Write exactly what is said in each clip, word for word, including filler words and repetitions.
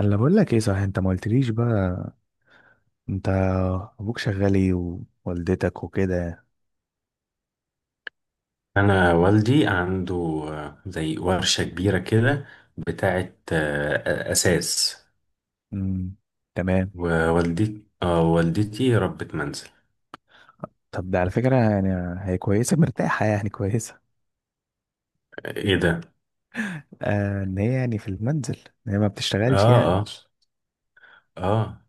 انا بقول لك ايه صحيح، انت ما قلتليش بقى. انت ابوك شغال ايه؟ ووالدتك وكده؟ انا والدي عنده، آه، زي ورشة كبيرة كده، بتاعة آه، اساس. امم تمام. ووالدتي اه والدتي ربة منزل. طب ده على فكره يعني، هي كويسه، مرتاحه يعني، كويسه؟ ايه ده؟ آه ان هي يعني في المنزل، ان هي ما اه، بتشتغلش يعني. اه، اه.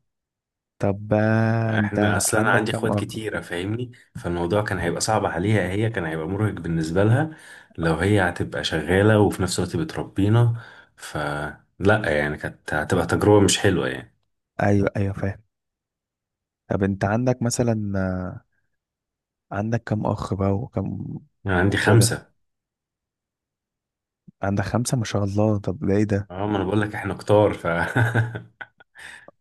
طب، آه احنا انت اصلا انا عندك عندي كام اخوات اخ؟ كتيرة، فاهمني، فالموضوع كان هيبقى صعب عليها، هي كان هيبقى مرهق بالنسبة لها لو هي هتبقى شغالة وفي نفس الوقت بتربينا، فلا يعني كانت هتبقى تجربة مش حلوة يعني. ايوه ايوه فاهم. طب انت عندك مثلا، آه، عندك كام اخ بقى، وكم، انا عندي وكده؟ خمسة. عندك خمسه، ما شاء الله. طب ده ايه ده؟ اه ما انا بقول لك احنا كتار ف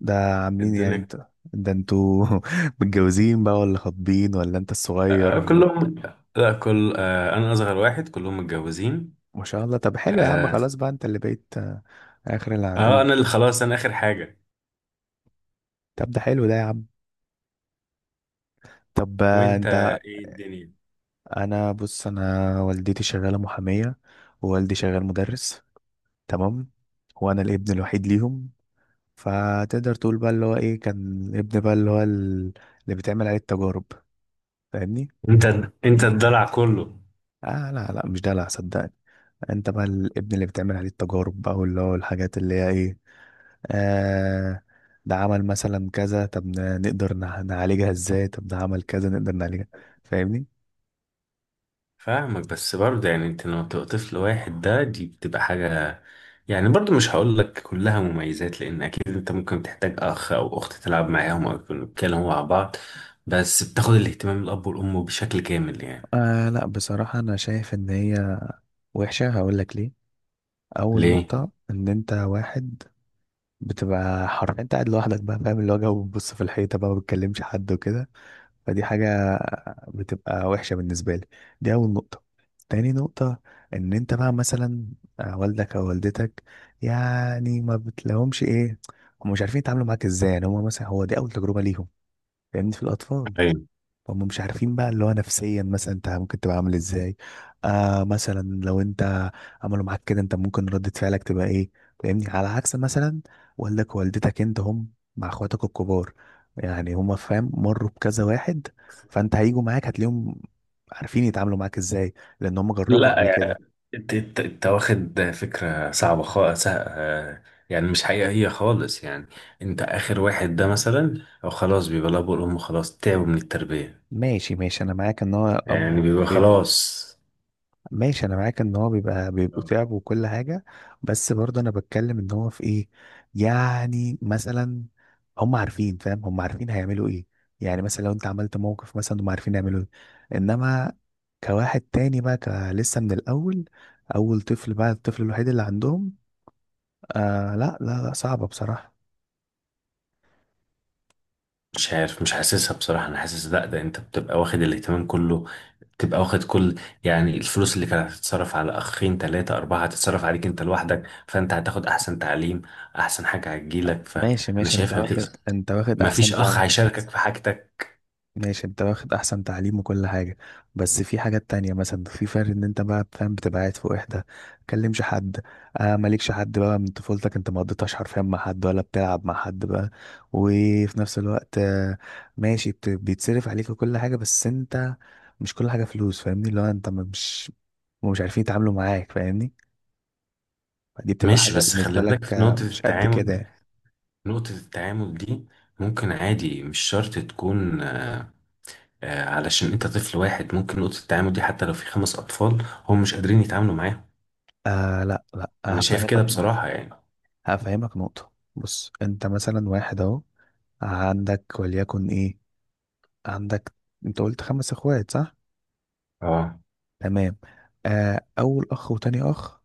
ده عاملين يعني، الدنيا. انت ده انتوا متجوزين بقى، ولا خاطبين، ولا انت الصغير، آه، ولا؟ كلهم، لا، كل آه، انا اصغر واحد، كلهم متجوزين. ما شاء الله، طب حلو يا عم. خلاص اه. بقى، انت اللي بقيت آه، اخر آه، انا العنقود. اللي خلاص، انا اخر حاجه. طب ده حلو ده يا عم. طب آه، وانت، انت. ايه الدنيا؟ انا بص، انا والدتي شغالة محامية، ووالدي شغال مدرس. تمام. وانا الابن الوحيد ليهم. فتقدر تقول بقى اللي هو ايه، كان الابن بقى اللي هو ال- اللي بتعمل عليه التجارب. فاهمني؟ انت انت الضلع كله. اه لا لا مش دلع صدقني. انت بقى الابن اللي بتعمل عليه التجارب بقى، واللي هو الحاجات اللي هي ايه، آه. ده عمل مثلا كذا، طب ن- نقدر نع- نعالجها ازاي؟ طب ده عمل كذا، نقدر نعالجها. فاهمني؟ فاهمك، بس برضه يعني انت لما بتبقى طفل واحد ده دي بتبقى حاجه، يعني برضه مش هقول لك كلها مميزات لان اكيد انت ممكن تحتاج اخ او اخت تلعب معاهم او يكونوا بيتكلموا مع بعض، بس بتاخد الاهتمام، الاب والام بشكل كامل يعني. آه لا بصراحة، انا شايف ان هي وحشة. هقول لك ليه. اول ليه؟ نقطة، ان انت واحد، بتبقى حر. انت قاعد لوحدك بقى، فاهم اللي هو جو، بتبص في الحيطة بقى، ما بتكلمش حد وكده. فدي حاجة بتبقى وحشة بالنسبة لي. دي أول نقطة. تاني نقطة، إن أنت بقى مثلا، آه، والدك أو والدتك، يعني ما بتلاقيهمش إيه، هم مش عارفين يتعاملوا معاك إزاي. يعني هم مثلا، هو دي أول تجربة ليهم، فاهمني، في الأطفال. أيوة. هم مش عارفين بقى اللي هو نفسيا مثلا انت ممكن تبقى عامل ازاي. آه مثلا لو انت عملوا معاك كده، انت ممكن ردة فعلك تبقى ايه. فاهمني؟ على عكس مثلا والدك ووالدتك انت، هم مع اخواتك الكبار، يعني هم فاهم مروا بكذا واحد. فانت هيجوا معاك، هتلاقيهم عارفين يتعاملوا معاك ازاي، لان هم جربوا قبل لا، كده. انت انت انت واخد فكرة صعبة خالص، يعني مش حقيقية خالص يعني. انت اخر واحد ده مثلا او خلاص بيبقى الاب والام خلاص تعبوا من التربية، ماشي ماشي، انا معاك ان هو يعني اب. بيبقى خلاص. ماشي انا معاك ان هو بيبقى بيبقوا اه. تعب وكل حاجه. بس برضه انا بتكلم ان هو في ايه. يعني مثلا هم عارفين، فاهم، هم عارفين هيعملوا ايه. يعني مثلا لو انت عملت موقف مثلا، هم عارفين يعملوا ايه. انما كواحد تاني بقى، ك- لسه من الاول، اول طفل بقى، الطفل الوحيد اللي عندهم. آه لا لا لا، صعبه بصراحه. مش عارف، مش حاسسها بصراحة، انا حاسس لا، ده انت بتبقى واخد الاهتمام كله، بتبقى واخد كل، يعني الفلوس اللي كانت هتتصرف على اخين تلاتة اربعة هتتصرف عليك انت لوحدك، فانت هتاخد احسن تعليم، احسن حاجة هتجيلك، ماشي فانا ماشي، انت شايفها بتبقى، واخد انت واخد احسن. مفيش اخ هيشاركك في حاجتك. ماشي، انت واخد احسن تعليم وكل حاجة. بس في حاجات تانية، مثلا في فرق ان انت بقى فاهم، بتبقى قاعد في وحدة، متكلمش حد. آه مالكش حد بقى، من طفولتك انت ما قضيتهاش حرفيا مع حد، ولا بتلعب مع حد بقى. وفي نفس الوقت، آه، ماشي بت- بيتصرف عليك وكل حاجة، بس انت، مش كل حاجة فلوس. فاهمني؟ اللي هو انت ما- مش، مش عارفين يتعاملوا معاك. فاهمني؟ دي بتبقى ماشي، حاجة بس خلي بالنسبة لك بالك في آه، نقطة مش قد كده التعامل، يعني. نقطة التعامل دي ممكن عادي مش شرط تكون، آه، آه، علشان انت طفل واحد ممكن نقطة التعامل دي حتى لو في خمس أطفال هم مش قادرين يتعاملوا معاها. آه لا لا، أنا شايف هفهمك. كده بصراحة يعني. هفهمك نقطة، بص. انت مثلا واحد اهو، عندك وليكن ايه، عندك، انت قلت خمس اخوات صح؟ اه، تمام. آه اول اخ وتاني اخ،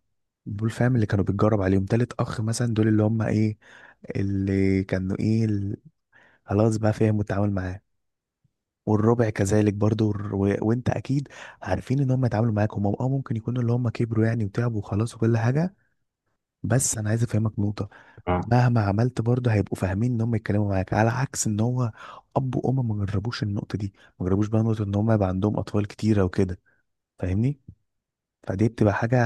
دول فاهم اللي كانوا بيتجرب عليهم. تالت اخ مثلا، دول اللي هم ايه، اللي كانوا ايه ال- خلاص بقى فهموا التعامل معاه. والربع كذلك برضو، والر- و... وانت اكيد عارفين ان هم يتعاملوا معاك. هم اه ممكن يكونوا اللي هم كبروا يعني وتعبوا وخلاص وكل حاجة. بس انا عايز افهمك نقطه، اه. مهما عملت برضه هيبقوا فاهمين ان هم يتكلموا معاك. على عكس ان هو اب وام ما جربوش النقطه دي، ما جربوش بقى نقطه ان هم يبقى عندهم اطفال كتيره وكده. فاهمني؟ فدي بتبقى حاجه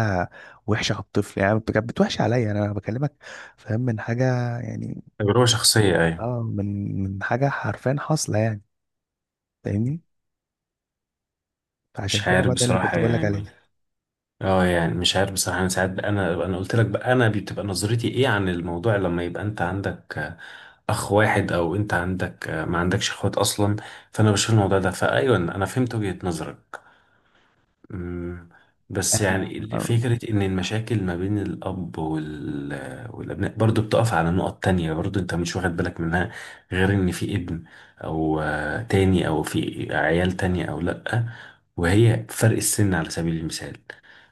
وحشه على الطفل. يعني بت- بتوحش عليا، انا بكلمك فاهم من حاجه، يعني، تجربة شخصية، أيوة. اه من من حاجه حرفيا حاصله يعني. فاهمني؟ فعشان مش كده عارف بقى ده اللي بصراحة كنت بقول لك يعني. عليه. اه يعني مش عارف بصراحة، أنا ساعات بقى، أنا أنا قلت لك بقى أنا بتبقى نظرتي إيه عن الموضوع لما يبقى أنت عندك آه، أخ واحد أو أنت عندك آه، ما عندكش إخوات أصلا، فأنا بشوف الموضوع ده، فأيوة أنا فهمت وجهة نظرك. مم. بس يعني ال- آه. فكرة إن المشاكل ما بين الأب وال... والأبناء برضو بتقف على نقط تانية برضو أنت مش واخد بالك منها، غير إن في ابن أو آه، تاني أو في عيال تانية أو لأ، وهي فرق السن على سبيل المثال،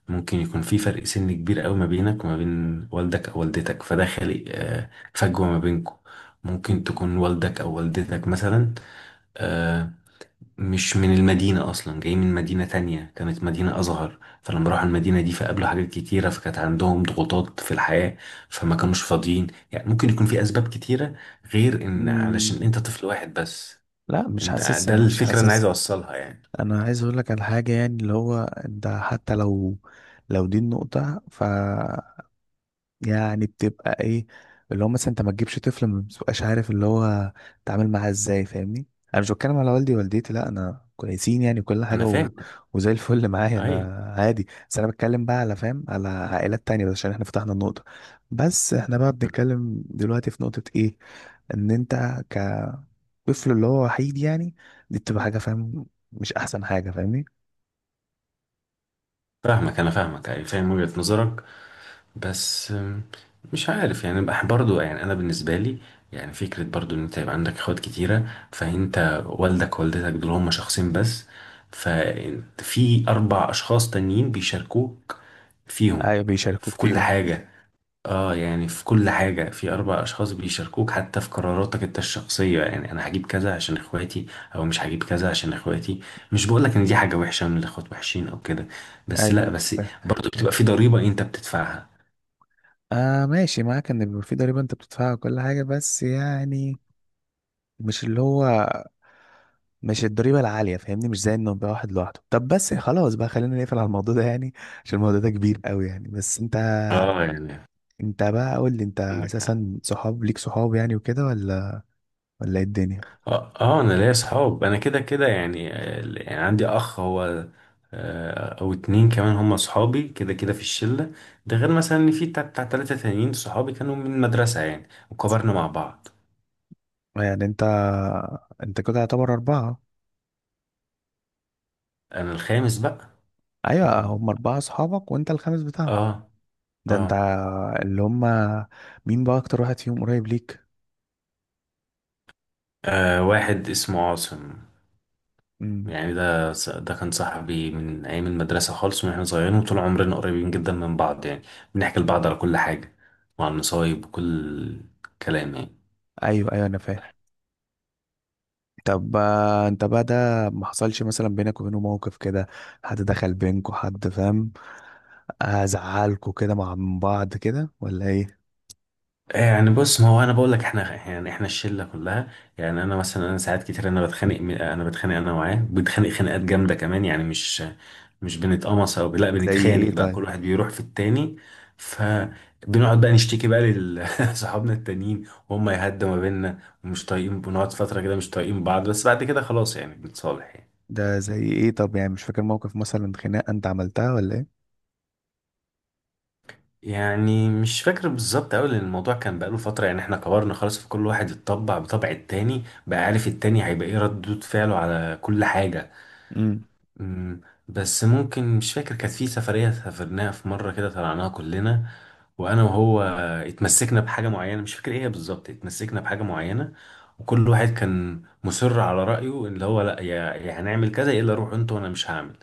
ممكن يكون في فرق سن كبير أوي ما بينك وما بين والدك أو والدتك، فده خالق آه، فجوة ما بينكم. م- ممكن تكون والدك أو والدتك مثلا آه، مش من المدينة أصلا، جاي من مدينة تانية كانت مدينة أصغر، فلما راحوا المدينة دي فقابلوا حاجات كتيرة، فكانت عندهم ضغوطات في الحياة، فما كانوش فاضيين، يعني ممكن يكون في أسباب كتيرة غير إن م- علشان أنت طفل واحد بس. لا، مش أنت ده حاسسها، مش الفكرة اللي أنا عايز حاسسها. أوصلها يعني. انا عايز اقول لك على حاجه، يعني اللي هو انت حتى لو، لو دي النقطه، ف، يعني بتبقى ايه، اللي هو مثلا انت ما تجيبش طفل، ما بتبقاش عارف اللي هو تعمل معاه ازاي. فاهمني؟ انا مش بتكلم على والدي ووالدتي، لا انا كويسين، يعني كل أنا حاجه و... فاهم، وزي الفل معايا انا، أيوة، عادي. بس انا بتكلم بقى على، فاهم، على عائلات تانية، بس عشان احنا فتحنا النقطه. بس احنا بقى بنتكلم دلوقتي في نقطه ايه، ان انت كطفل اللي هو وحيد يعني. دي بتبقى حاجه فاهم، مش احسن حاجه. فاهمني؟ فاهمك أنا فاهمك أيوة، فاهم وجهة نظرك. بس أم، مش عارف يعني، بح برضو يعني انا بالنسبه لي، يعني فكره برضو ان انت يبقى عندك اخوات كتيره، فانت والدك ووالدتك دول هما شخصين بس، ففي اربع اشخاص تانيين بيشاركوك فيهم ايوه في بيشاركوك كل فيهم. حاجه. اه يعني في كل حاجه، في اربع اشخاص بيشاركوك حتى في قراراتك انت الشخصيه، يعني انا هجيب كذا عشان اخواتي او مش هجيب كذا عشان اخواتي، مش بقولك ان دي حاجه وحشه ان الاخوات وحشين او كده، ايوه بس ايوه لا انا بس فاهم. برضو بتبقى في ضريبه انت بتدفعها. آه ماشي معاك، ان بيبقى في ضريبه انت بتدفعها وكل حاجه، بس يعني مش اللي هو، مش الضريبه العاليه. فاهمني؟ مش زي انه يبقى واحد لوحده. طب بس خلاص بقى، خلينا نقفل على الموضوع ده يعني، عشان الموضوع ده كبير قوي يعني. بس انت، اه يعني، انت بقى قول لي، انت عندك حق. اساسا صحاب ليك؟ صحاب يعني وكده، ولا ولا ايه الدنيا؟ اه، آه، انا ليا اصحاب، انا كده كده يعني، آه، يعني عندي اخ هو آه، او اتنين كمان هم اصحابي كده كده في الشله، ده غير مثلا ان في بتاع بتاع تلاته تانيين صحابي كانوا من المدرسه يعني وكبرنا مع بعض. يعني انت، انت كده يعتبر اربعه. انا الخامس بقى. ايوه مهم. هم اربعه صحابك وانت الخامس بتاعهم. اه. ده اه، انت اللي هم، مين بقى اكتر واحد فيهم قريب ليك؟ آه، واحد اسمه عاصم، يعني ده ص- ده كان صاحبي من ايام المدرسه خالص، من احنا صغيرين وطول عمرنا قريبين جدا من بعض يعني، بنحكي لبعض على كل حاجه وعن المصايب وكل كلام يعني. ايوه ايوه انا فاهم. طب آه، انت بقى ده، ما حصلش مثلا بينك وبينه موقف كده؟ حد دخل بينكوا، حد فاهم، آه، زعلكوا كده مع من بعض كده ولا ايه؟ يعني بص، ما هو انا بقول لك، احنا يعني احنا الشله كلها، يعني انا مثلا انا ساعات كتير، انا بتخانق م- انا بتخانق انا معاه، بنتخانق خناقات جامده كمان، يعني مش مش بنتقمص او لا، زي ايه بنتخانق بقى كل طيب؟ واحد بيروح في التاني، فبنقعد بقى نشتكي بقى لصحابنا التانيين وهم يهدوا ما بيننا، ومش طايقين، بنقعد فتره كده مش طايقين بعض، بس بعد كده خلاص يعني بنتصالح يعني. ده زي ايه طب؟ يعني مش فاكر موقف مثلا خناقه انت عملتها، ولا ايه؟ يعني مش فاكر بالظبط أوي لأن الموضوع كان بقاله فترة، يعني احنا كبرنا خلاص، فكل واحد اتطبع بطبع التاني بقى عارف التاني هيبقى ايه ردود فعله على كل حاجة. امم. أمم، بس ممكن، مش فاكر، كانت في سفرية سافرناها في مرة كده طلعناها كلنا، وأنا وهو اتمسكنا بحاجة معينة مش فاكر ايه هي بالظبط، اتمسكنا بحاجة معينة، وكل واحد كان مصر على رأيه، اللي هو لأ يا يا هنعمل كذا، يا إلا روح انت وأنا مش هعمل،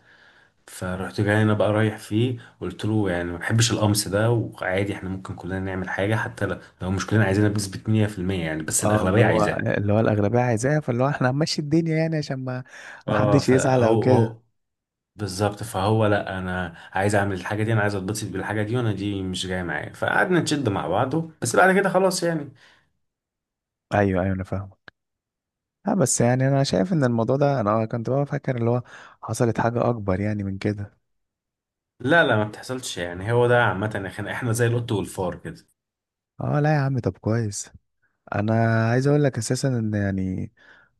فرحت جاي انا بقى رايح فيه قلت له يعني ما بحبش القمص ده، وعادي احنا ممكن كلنا نعمل حاجه حتى لو لو مش كلنا عايزينها بنسبه مية في المية، يعني بس اه اللي الاغلبيه هو، عايزاه. اللي هو الاغلبيه عايزاها، فاللي هو احنا هنمشي الدنيا يعني، عشان ما ما اه، حدش يزعل او فهو كده. هو بالظبط، فهو لا انا عايز اعمل الحاجه دي، انا عايز اتبسط بالحاجه دي، وانا دي مش جايه معايا، فقعدنا نشد مع بعضه، بس بعد كده خلاص يعني. ايوه ايوه انا فاهم. اه بس يعني انا شايف ان الموضوع ده، انا كنت بقى فاكر اللي هو، حصلت حاجه اكبر يعني من كده. لا لا، ما بتحصلش يعني، هو ده عامه يا اخي، احنا زي القط والفار كده. اه لا يا عم، طب كويس. انا عايز اقول لك اساسا ان يعني،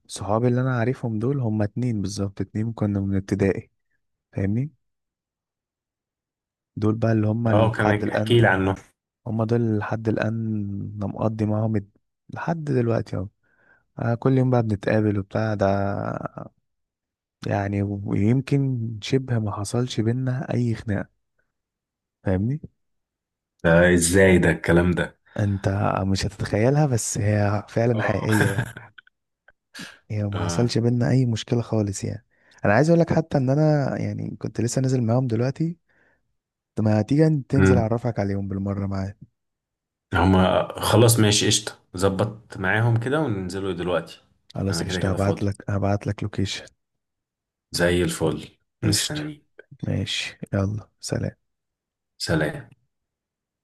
صحابي اللي انا عارفهم دول هما اتنين بالظبط، اتنين كنا من ابتدائي. فاهمني؟ دول بقى اللي هما اه، لحد كان احكي الان. لي عنه. هما دول اللي لحد الان. انا مقضي معاهم الد- لحد دلوقتي اهو. آه، كل يوم بقى بنتقابل وبتاع ده، يعني ويمكن شبه ما حصلش بينا اي خناقة. فاهمني؟ ده ازاي ده الكلام ده؟ انت مش هتتخيلها، بس هي فعلا حقيقية يعني. اه هي ما اه. حصلش بينا اي مشكلة خالص يعني. انا عايز اقول لك حتى ان انا يعني كنت لسه نازل معاهم دلوقتي. طب ما تيجي أن- تنزل، اعرفك عليهم بالمرة معايا. هما خلاص ماشي، قشطة ظبط معاهم كده وننزلوا دلوقتي. خلاص أنا كده قشطة، كده هبعت فاضي، لك هبعت لك لوكيشن. زي الفل قشطة. مستني. ماشي، يلا، سلام. سلام.